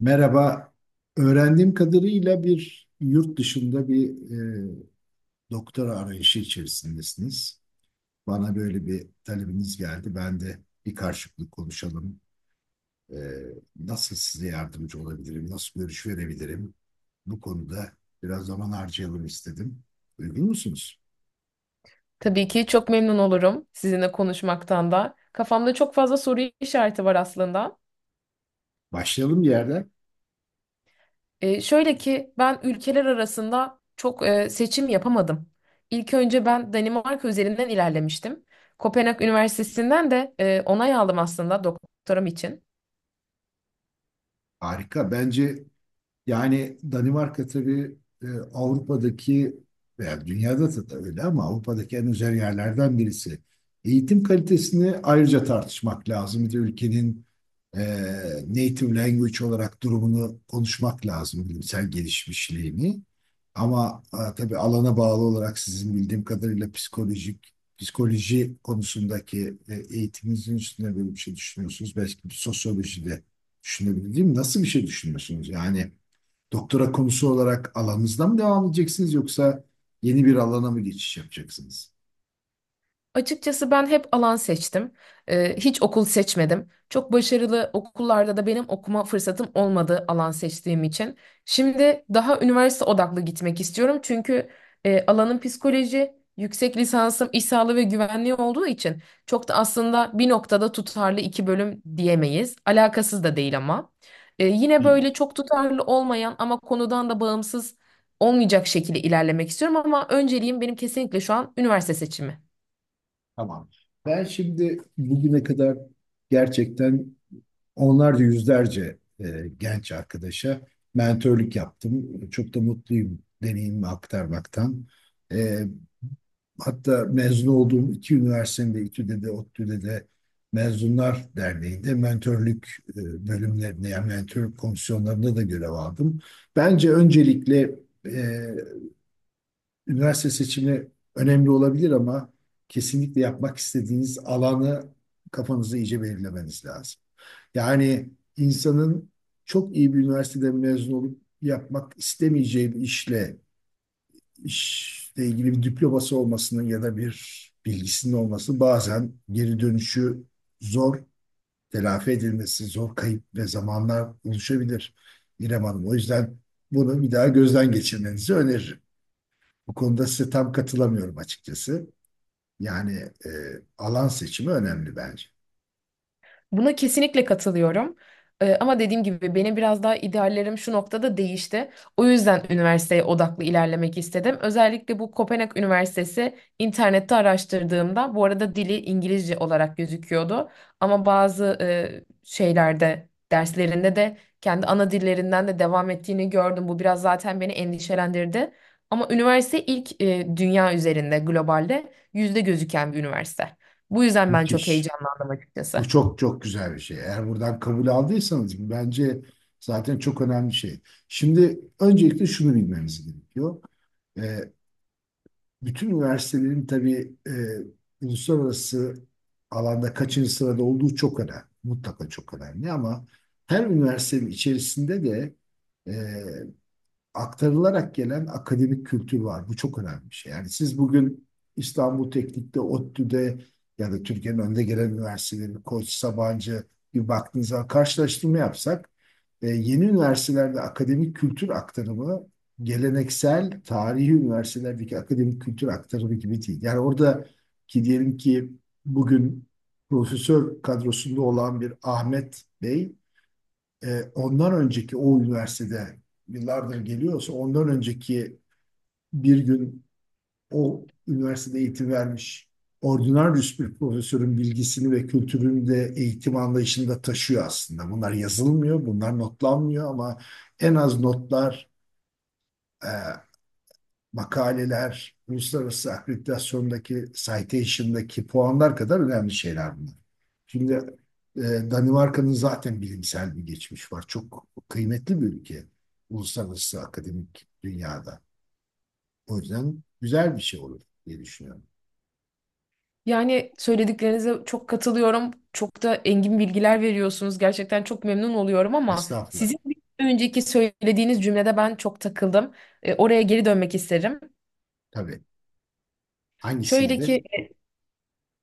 Merhaba. Öğrendiğim kadarıyla bir yurt dışında bir e, doktora arayışı içerisindesiniz. Bana böyle bir talebiniz geldi. Ben de bir karşılıklı konuşalım. E, Nasıl size yardımcı olabilirim? Nasıl görüş verebilirim? Bu konuda biraz zaman harcayalım istedim. Uygun musunuz? Tabii ki çok memnun olurum sizinle konuşmaktan da. Kafamda çok fazla soru işareti var aslında. Başlayalım bir yerden. Şöyle ki ben ülkeler arasında çok seçim yapamadım. İlk önce ben Danimarka üzerinden ilerlemiştim. Kopenhag Üniversitesi'nden de onay aldım aslında doktoram için. Harika. Bence yani Danimarka tabii e, Avrupa'daki veya dünyada da öyle ama Avrupa'daki en özel yerlerden birisi. Eğitim kalitesini ayrıca tartışmak lazım. Bir de ülkenin e, native language olarak durumunu konuşmak lazım, bilimsel gelişmişliğini. Ama tabii alana bağlı olarak sizin bildiğim kadarıyla psikoloji konusundaki eğitiminizin üstüne böyle bir şey düşünüyorsunuz. Belki bir sosyoloji de düşünebilirim. Nasıl bir şey düşünüyorsunuz? Yani doktora konusu olarak alanınızda mı devam edeceksiniz yoksa yeni bir alana mı geçiş yapacaksınız? Açıkçası ben hep alan seçtim. Hiç okul seçmedim. Çok başarılı okullarda da benim okuma fırsatım olmadı alan seçtiğim için. Şimdi daha üniversite odaklı gitmek istiyorum. Çünkü alanım psikoloji, yüksek lisansım iş sağlığı ve güvenliği olduğu için çok da aslında bir noktada tutarlı iki bölüm diyemeyiz. Alakasız da değil ama. Yine böyle Bilmiyorum. çok tutarlı olmayan ama konudan da bağımsız olmayacak şekilde ilerlemek istiyorum ama önceliğim benim kesinlikle şu an üniversite seçimi. Tamam. Ben şimdi bugüne kadar gerçekten onlarca yüzlerce genç arkadaşa mentorluk yaptım. Çok da mutluyum deneyimimi aktarmaktan. E, Hatta mezun olduğum iki üniversitenin de İTÜ'de de ODTÜ'de de Mezunlar Derneği'nde mentörlük bölümlerinde yani mentörlük komisyonlarında da görev aldım. Bence öncelikle e, üniversite seçimi önemli olabilir ama kesinlikle yapmak istediğiniz alanı kafanızda iyice belirlemeniz lazım. Yani insanın çok iyi bir üniversiteden mezun olup yapmak istemeyeceği bir işle ilgili bir diploması olmasının ya da bir bilgisinin olması bazen geri dönüşü zor, telafi edilmesi zor kayıp ve zamanlar oluşabilir İrem Hanım. O yüzden bunu bir daha gözden geçirmenizi öneririm. Bu konuda size tam katılamıyorum açıkçası. Yani e, alan seçimi önemli bence. Buna kesinlikle katılıyorum. Ama dediğim gibi benim biraz daha ideallerim şu noktada değişti. O yüzden üniversiteye odaklı ilerlemek istedim. Özellikle bu Kopenhag Üniversitesi internette araştırdığımda bu arada dili İngilizce olarak gözüküyordu. Ama bazı şeylerde derslerinde de kendi ana dillerinden de devam ettiğini gördüm. Bu biraz zaten beni endişelendirdi. Ama üniversite ilk dünya üzerinde globalde yüzde gözüken bir üniversite. Bu yüzden ben çok Müthiş. heyecanlandım açıkçası. Bu çok çok güzel bir şey. Eğer buradan kabul aldıysanız bu bence zaten çok önemli şey. Şimdi öncelikle şunu bilmemiz gerekiyor. E, Bütün üniversitelerin tabii uluslararası alanda kaçıncı sırada olduğu çok önemli. Mutlaka çok önemli ama her üniversitenin içerisinde de aktarılarak gelen akademik kültür var. Bu çok önemli bir şey. Yani siz bugün İstanbul Teknik'te, ODTÜ'de ya da Türkiye'nin önde gelen üniversiteleri Koç, Sabancı, bir baktığınız karşılaştırma yapsak yeni üniversitelerde akademik kültür aktarımı geleneksel tarihi üniversitelerdeki akademik kültür aktarımı gibi değil. Yani orada ki diyelim ki bugün profesör kadrosunda olan bir Ahmet Bey ondan önceki o üniversitede yıllardır geliyorsa ondan önceki bir gün o üniversitede eğitim vermiş ordinaryüs bir profesörün bilgisini ve kültürünü de eğitim anlayışında taşıyor aslında. Bunlar yazılmıyor, bunlar notlanmıyor ama en az notlar, e, makaleler, uluslararası akreditasyondaki citation'daki puanlar kadar önemli şeyler bunlar. Şimdi Danimarka'nın zaten bilimsel bir geçmiş var. Çok kıymetli bir ülke uluslararası akademik dünyada. O yüzden güzel bir şey olur diye düşünüyorum. Yani söylediklerinize çok katılıyorum. Çok da engin bilgiler veriyorsunuz. Gerçekten çok memnun oluyorum ama Estağfurullah. sizin bir önceki söylediğiniz cümlede ben çok takıldım. Oraya geri dönmek isterim. Tabii. Şöyle Hangisiydi? ki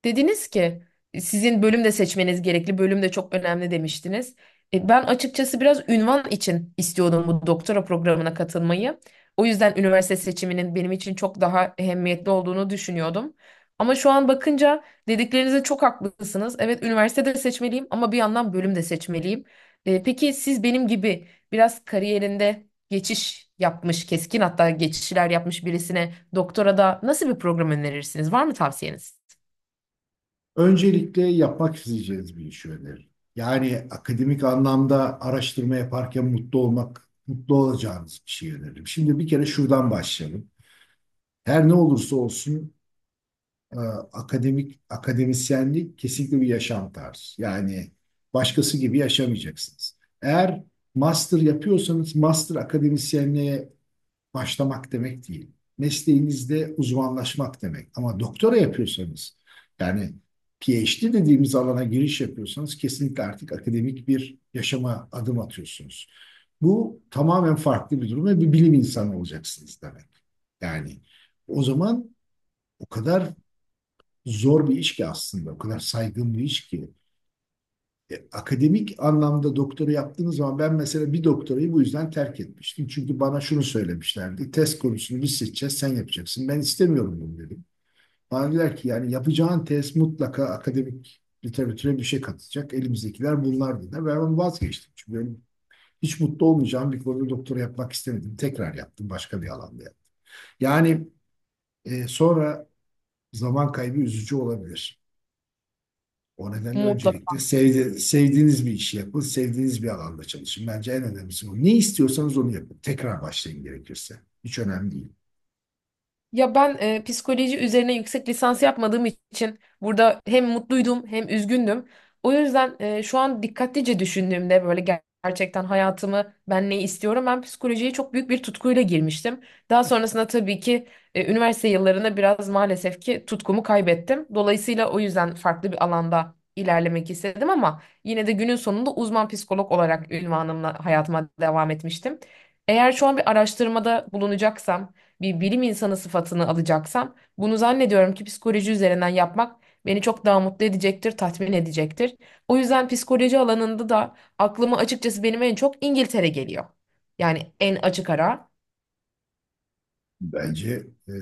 dediniz ki sizin bölüm de seçmeniz gerekli, bölüm de çok önemli demiştiniz. Ben açıkçası biraz ünvan için istiyordum bu doktora programına katılmayı. O yüzden üniversite seçiminin benim için çok daha ehemmiyetli olduğunu düşünüyordum. Ama şu an bakınca dediklerinize çok haklısınız. Evet üniversite de seçmeliyim ama bir yandan bölüm de seçmeliyim. Peki siz benim gibi biraz kariyerinde geçiş yapmış, keskin hatta geçişler yapmış birisine doktora da nasıl bir program önerirsiniz? Var mı tavsiyeniz? Öncelikle yapmak isteyeceğiniz bir iş önerir. Yani akademik anlamda araştırma yaparken mutlu olmak, mutlu olacağınız bir şey öneririm. Şimdi bir kere şuradan başlayalım. Her ne olursa olsun e, akademik akademisyenlik kesinlikle bir yaşam tarzı. Yani başkası gibi yaşamayacaksınız. Eğer master yapıyorsanız master akademisyenliğe başlamak demek değil. Mesleğinizde uzmanlaşmak demek. Ama doktora yapıyorsanız yani PhD dediğimiz alana giriş yapıyorsanız kesinlikle artık akademik bir yaşama adım atıyorsunuz. Bu tamamen farklı bir durum ve bir bilim insanı olacaksınız demek. Yani o zaman o kadar zor bir iş ki aslında, o kadar saygın bir iş ki. Akademik anlamda doktora yaptığınız zaman ben mesela bir doktorayı bu yüzden terk etmiştim. Çünkü bana şunu söylemişlerdi. Test konusunu biz seçeceğiz, sen yapacaksın. Ben istemiyorum bunu dedim. Bana dediler ki yani yapacağın test mutlaka akademik literatüre bir şey katacak. Elimizdekiler bunlar dediler. Ben onu vazgeçtim. Çünkü benim hiç mutlu olmayacağım bir konuda doktora yapmak istemedim. Tekrar yaptım başka bir alanda. Yani sonra zaman kaybı üzücü olabilir. O nedenle Mutlaka. öncelikle sevdiğiniz bir işi yapın, sevdiğiniz bir alanda çalışın. Bence en önemlisi bu. Ne istiyorsanız onu yapın. Tekrar başlayın gerekirse. Hiç önemli değil. Ya ben psikoloji üzerine yüksek lisans yapmadığım için burada hem mutluydum hem üzgündüm. O yüzden şu an dikkatlice düşündüğümde böyle gerçekten hayatımı ben ne istiyorum? Ben psikolojiye çok büyük bir tutkuyla girmiştim. Daha sonrasında tabii ki üniversite yıllarında biraz maalesef ki tutkumu kaybettim. Dolayısıyla o yüzden farklı bir alanda ilerlemek istedim ama yine de günün sonunda uzman psikolog olarak ünvanımla hayatıma devam etmiştim. Eğer şu an bir araştırmada bulunacaksam bir bilim insanı sıfatını alacaksam bunu zannediyorum ki psikoloji üzerinden yapmak beni çok daha mutlu edecektir, tatmin edecektir. O yüzden psikoloji alanında da aklıma açıkçası benim en çok İngiltere geliyor. Yani en açık ara. Bence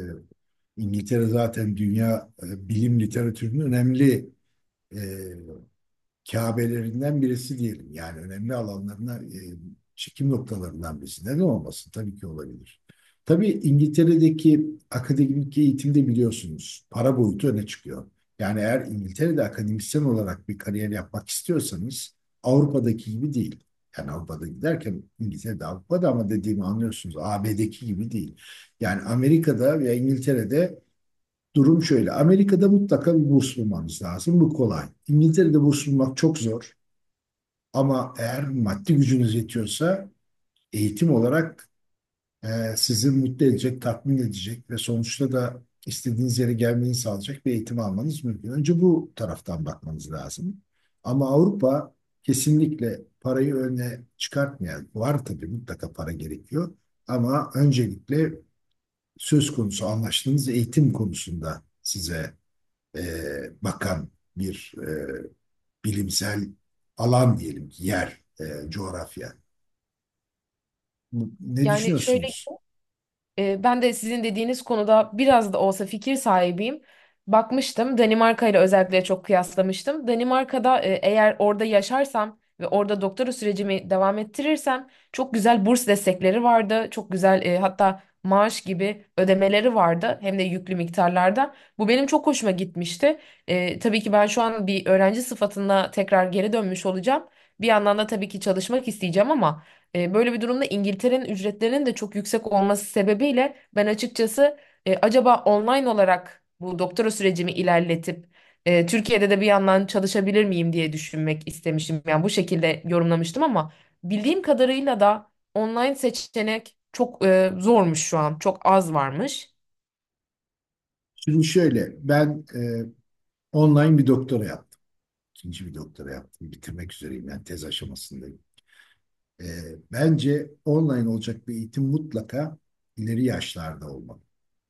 İngiltere zaten dünya bilim literatürünün önemli e, Kabelerinden birisi diyelim. Yani önemli alanlarına, çekim noktalarından birisi. Neden olmasın? Tabii ki olabilir. Tabii İngiltere'deki akademik eğitimde biliyorsunuz para boyutu öne çıkıyor. Yani eğer İngiltere'de akademisyen olarak bir kariyer yapmak istiyorsanız Avrupa'daki gibi değil. Yani Avrupa'da giderken İngiltere'de Avrupa'da ama dediğimi anlıyorsunuz AB'deki gibi değil. Yani Amerika'da veya İngiltere'de durum şöyle. Amerika'da mutlaka bir burs bulmanız lazım. Bu kolay. İngiltere'de burs bulmak çok zor. Ama eğer maddi gücünüz yetiyorsa eğitim olarak e, sizi mutlu edecek, tatmin edecek ve sonuçta da istediğiniz yere gelmeyi sağlayacak bir eğitim almanız mümkün. Önce bu taraftan bakmanız lazım. Ama Avrupa kesinlikle parayı öne çıkartmayan, var tabii mutlaka para gerekiyor. Ama öncelikle söz konusu anlaştığınız eğitim konusunda size e, bakan bir bilimsel alan diyelim ki yer, coğrafya. Ne Yani şöyle düşünüyorsunuz? Ben de sizin dediğiniz konuda biraz da olsa fikir sahibiyim. Bakmıştım Danimarka ile özellikle çok kıyaslamıştım. Danimarka'da eğer orada yaşarsam ve orada doktora sürecimi devam ettirirsem çok güzel burs destekleri vardı. Çok güzel hatta maaş gibi ödemeleri vardı hem de yüklü miktarlarda. Bu benim çok hoşuma gitmişti. Tabii ki ben şu an bir öğrenci sıfatına tekrar geri dönmüş olacağım. Bir yandan da tabii ki çalışmak isteyeceğim ama... Böyle bir durumda İngiltere'nin ücretlerinin de çok yüksek olması sebebiyle ben açıkçası acaba online olarak bu doktora sürecimi ilerletip Türkiye'de de bir yandan çalışabilir miyim diye düşünmek istemişim. Yani bu şekilde yorumlamıştım ama bildiğim kadarıyla da online seçenek çok zormuş şu an. Çok az varmış. Şimdi şöyle, ben online bir doktora yaptım. İkinci bir doktora yaptım. Bitirmek üzereyim. Yani tez aşamasındayım. E, Bence online olacak bir eğitim mutlaka ileri yaşlarda olmalı.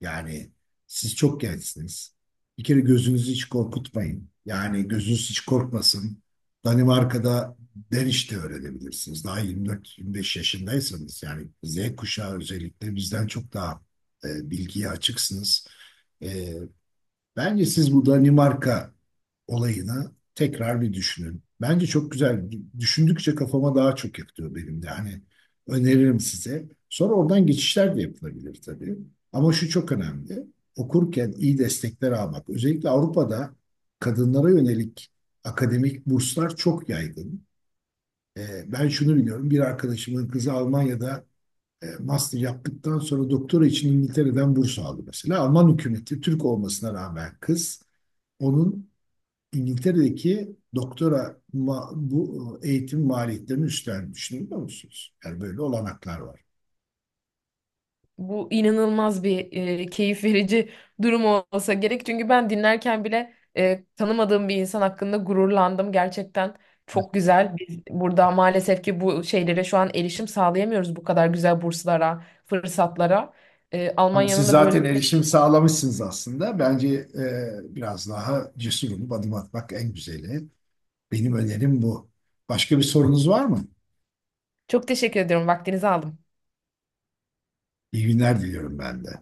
Yani siz çok gençsiniz. Bir kere gözünüzü hiç korkutmayın. Yani gözünüz hiç korkmasın. Danimarka'da derişte öğrenebilirsiniz. Daha 24-25 yaşındaysanız yani Z kuşağı özellikle bizden çok daha bilgiye açıksınız. Ee, Bence siz bu Danimarka olayını tekrar bir düşünün. Bence çok güzel. Düşündükçe kafama daha çok yatıyor benim de. Hani öneririm size. Sonra oradan geçişler de yapılabilir tabii. Ama şu çok önemli. Okurken iyi destekler almak. Özellikle Avrupa'da kadınlara yönelik akademik burslar çok yaygın. Ben şunu biliyorum. Bir arkadaşımın kızı Almanya'da master yaptıktan sonra doktora için İngiltere'den burs aldı mesela. Alman hükümeti Türk olmasına rağmen kız onun İngiltere'deki doktora bu eğitim maliyetlerini üstlenmiş, biliyor musunuz? Yani böyle olanaklar var. Bu inanılmaz bir keyif verici durum olsa gerek. Çünkü ben dinlerken bile tanımadığım bir insan hakkında gururlandım. Gerçekten çok güzel. Biz burada maalesef ki bu şeylere şu an erişim sağlayamıyoruz bu kadar güzel burslara, fırsatlara. Ama Almanya'nın siz da böyle zaten bir... erişim sağlamışsınız aslında. Bence biraz daha cesur olup adım atmak en güzeli. Benim önerim bu. Başka bir sorunuz var mı? Çok teşekkür ediyorum. Vaktinizi aldım. İyi günler diliyorum ben de.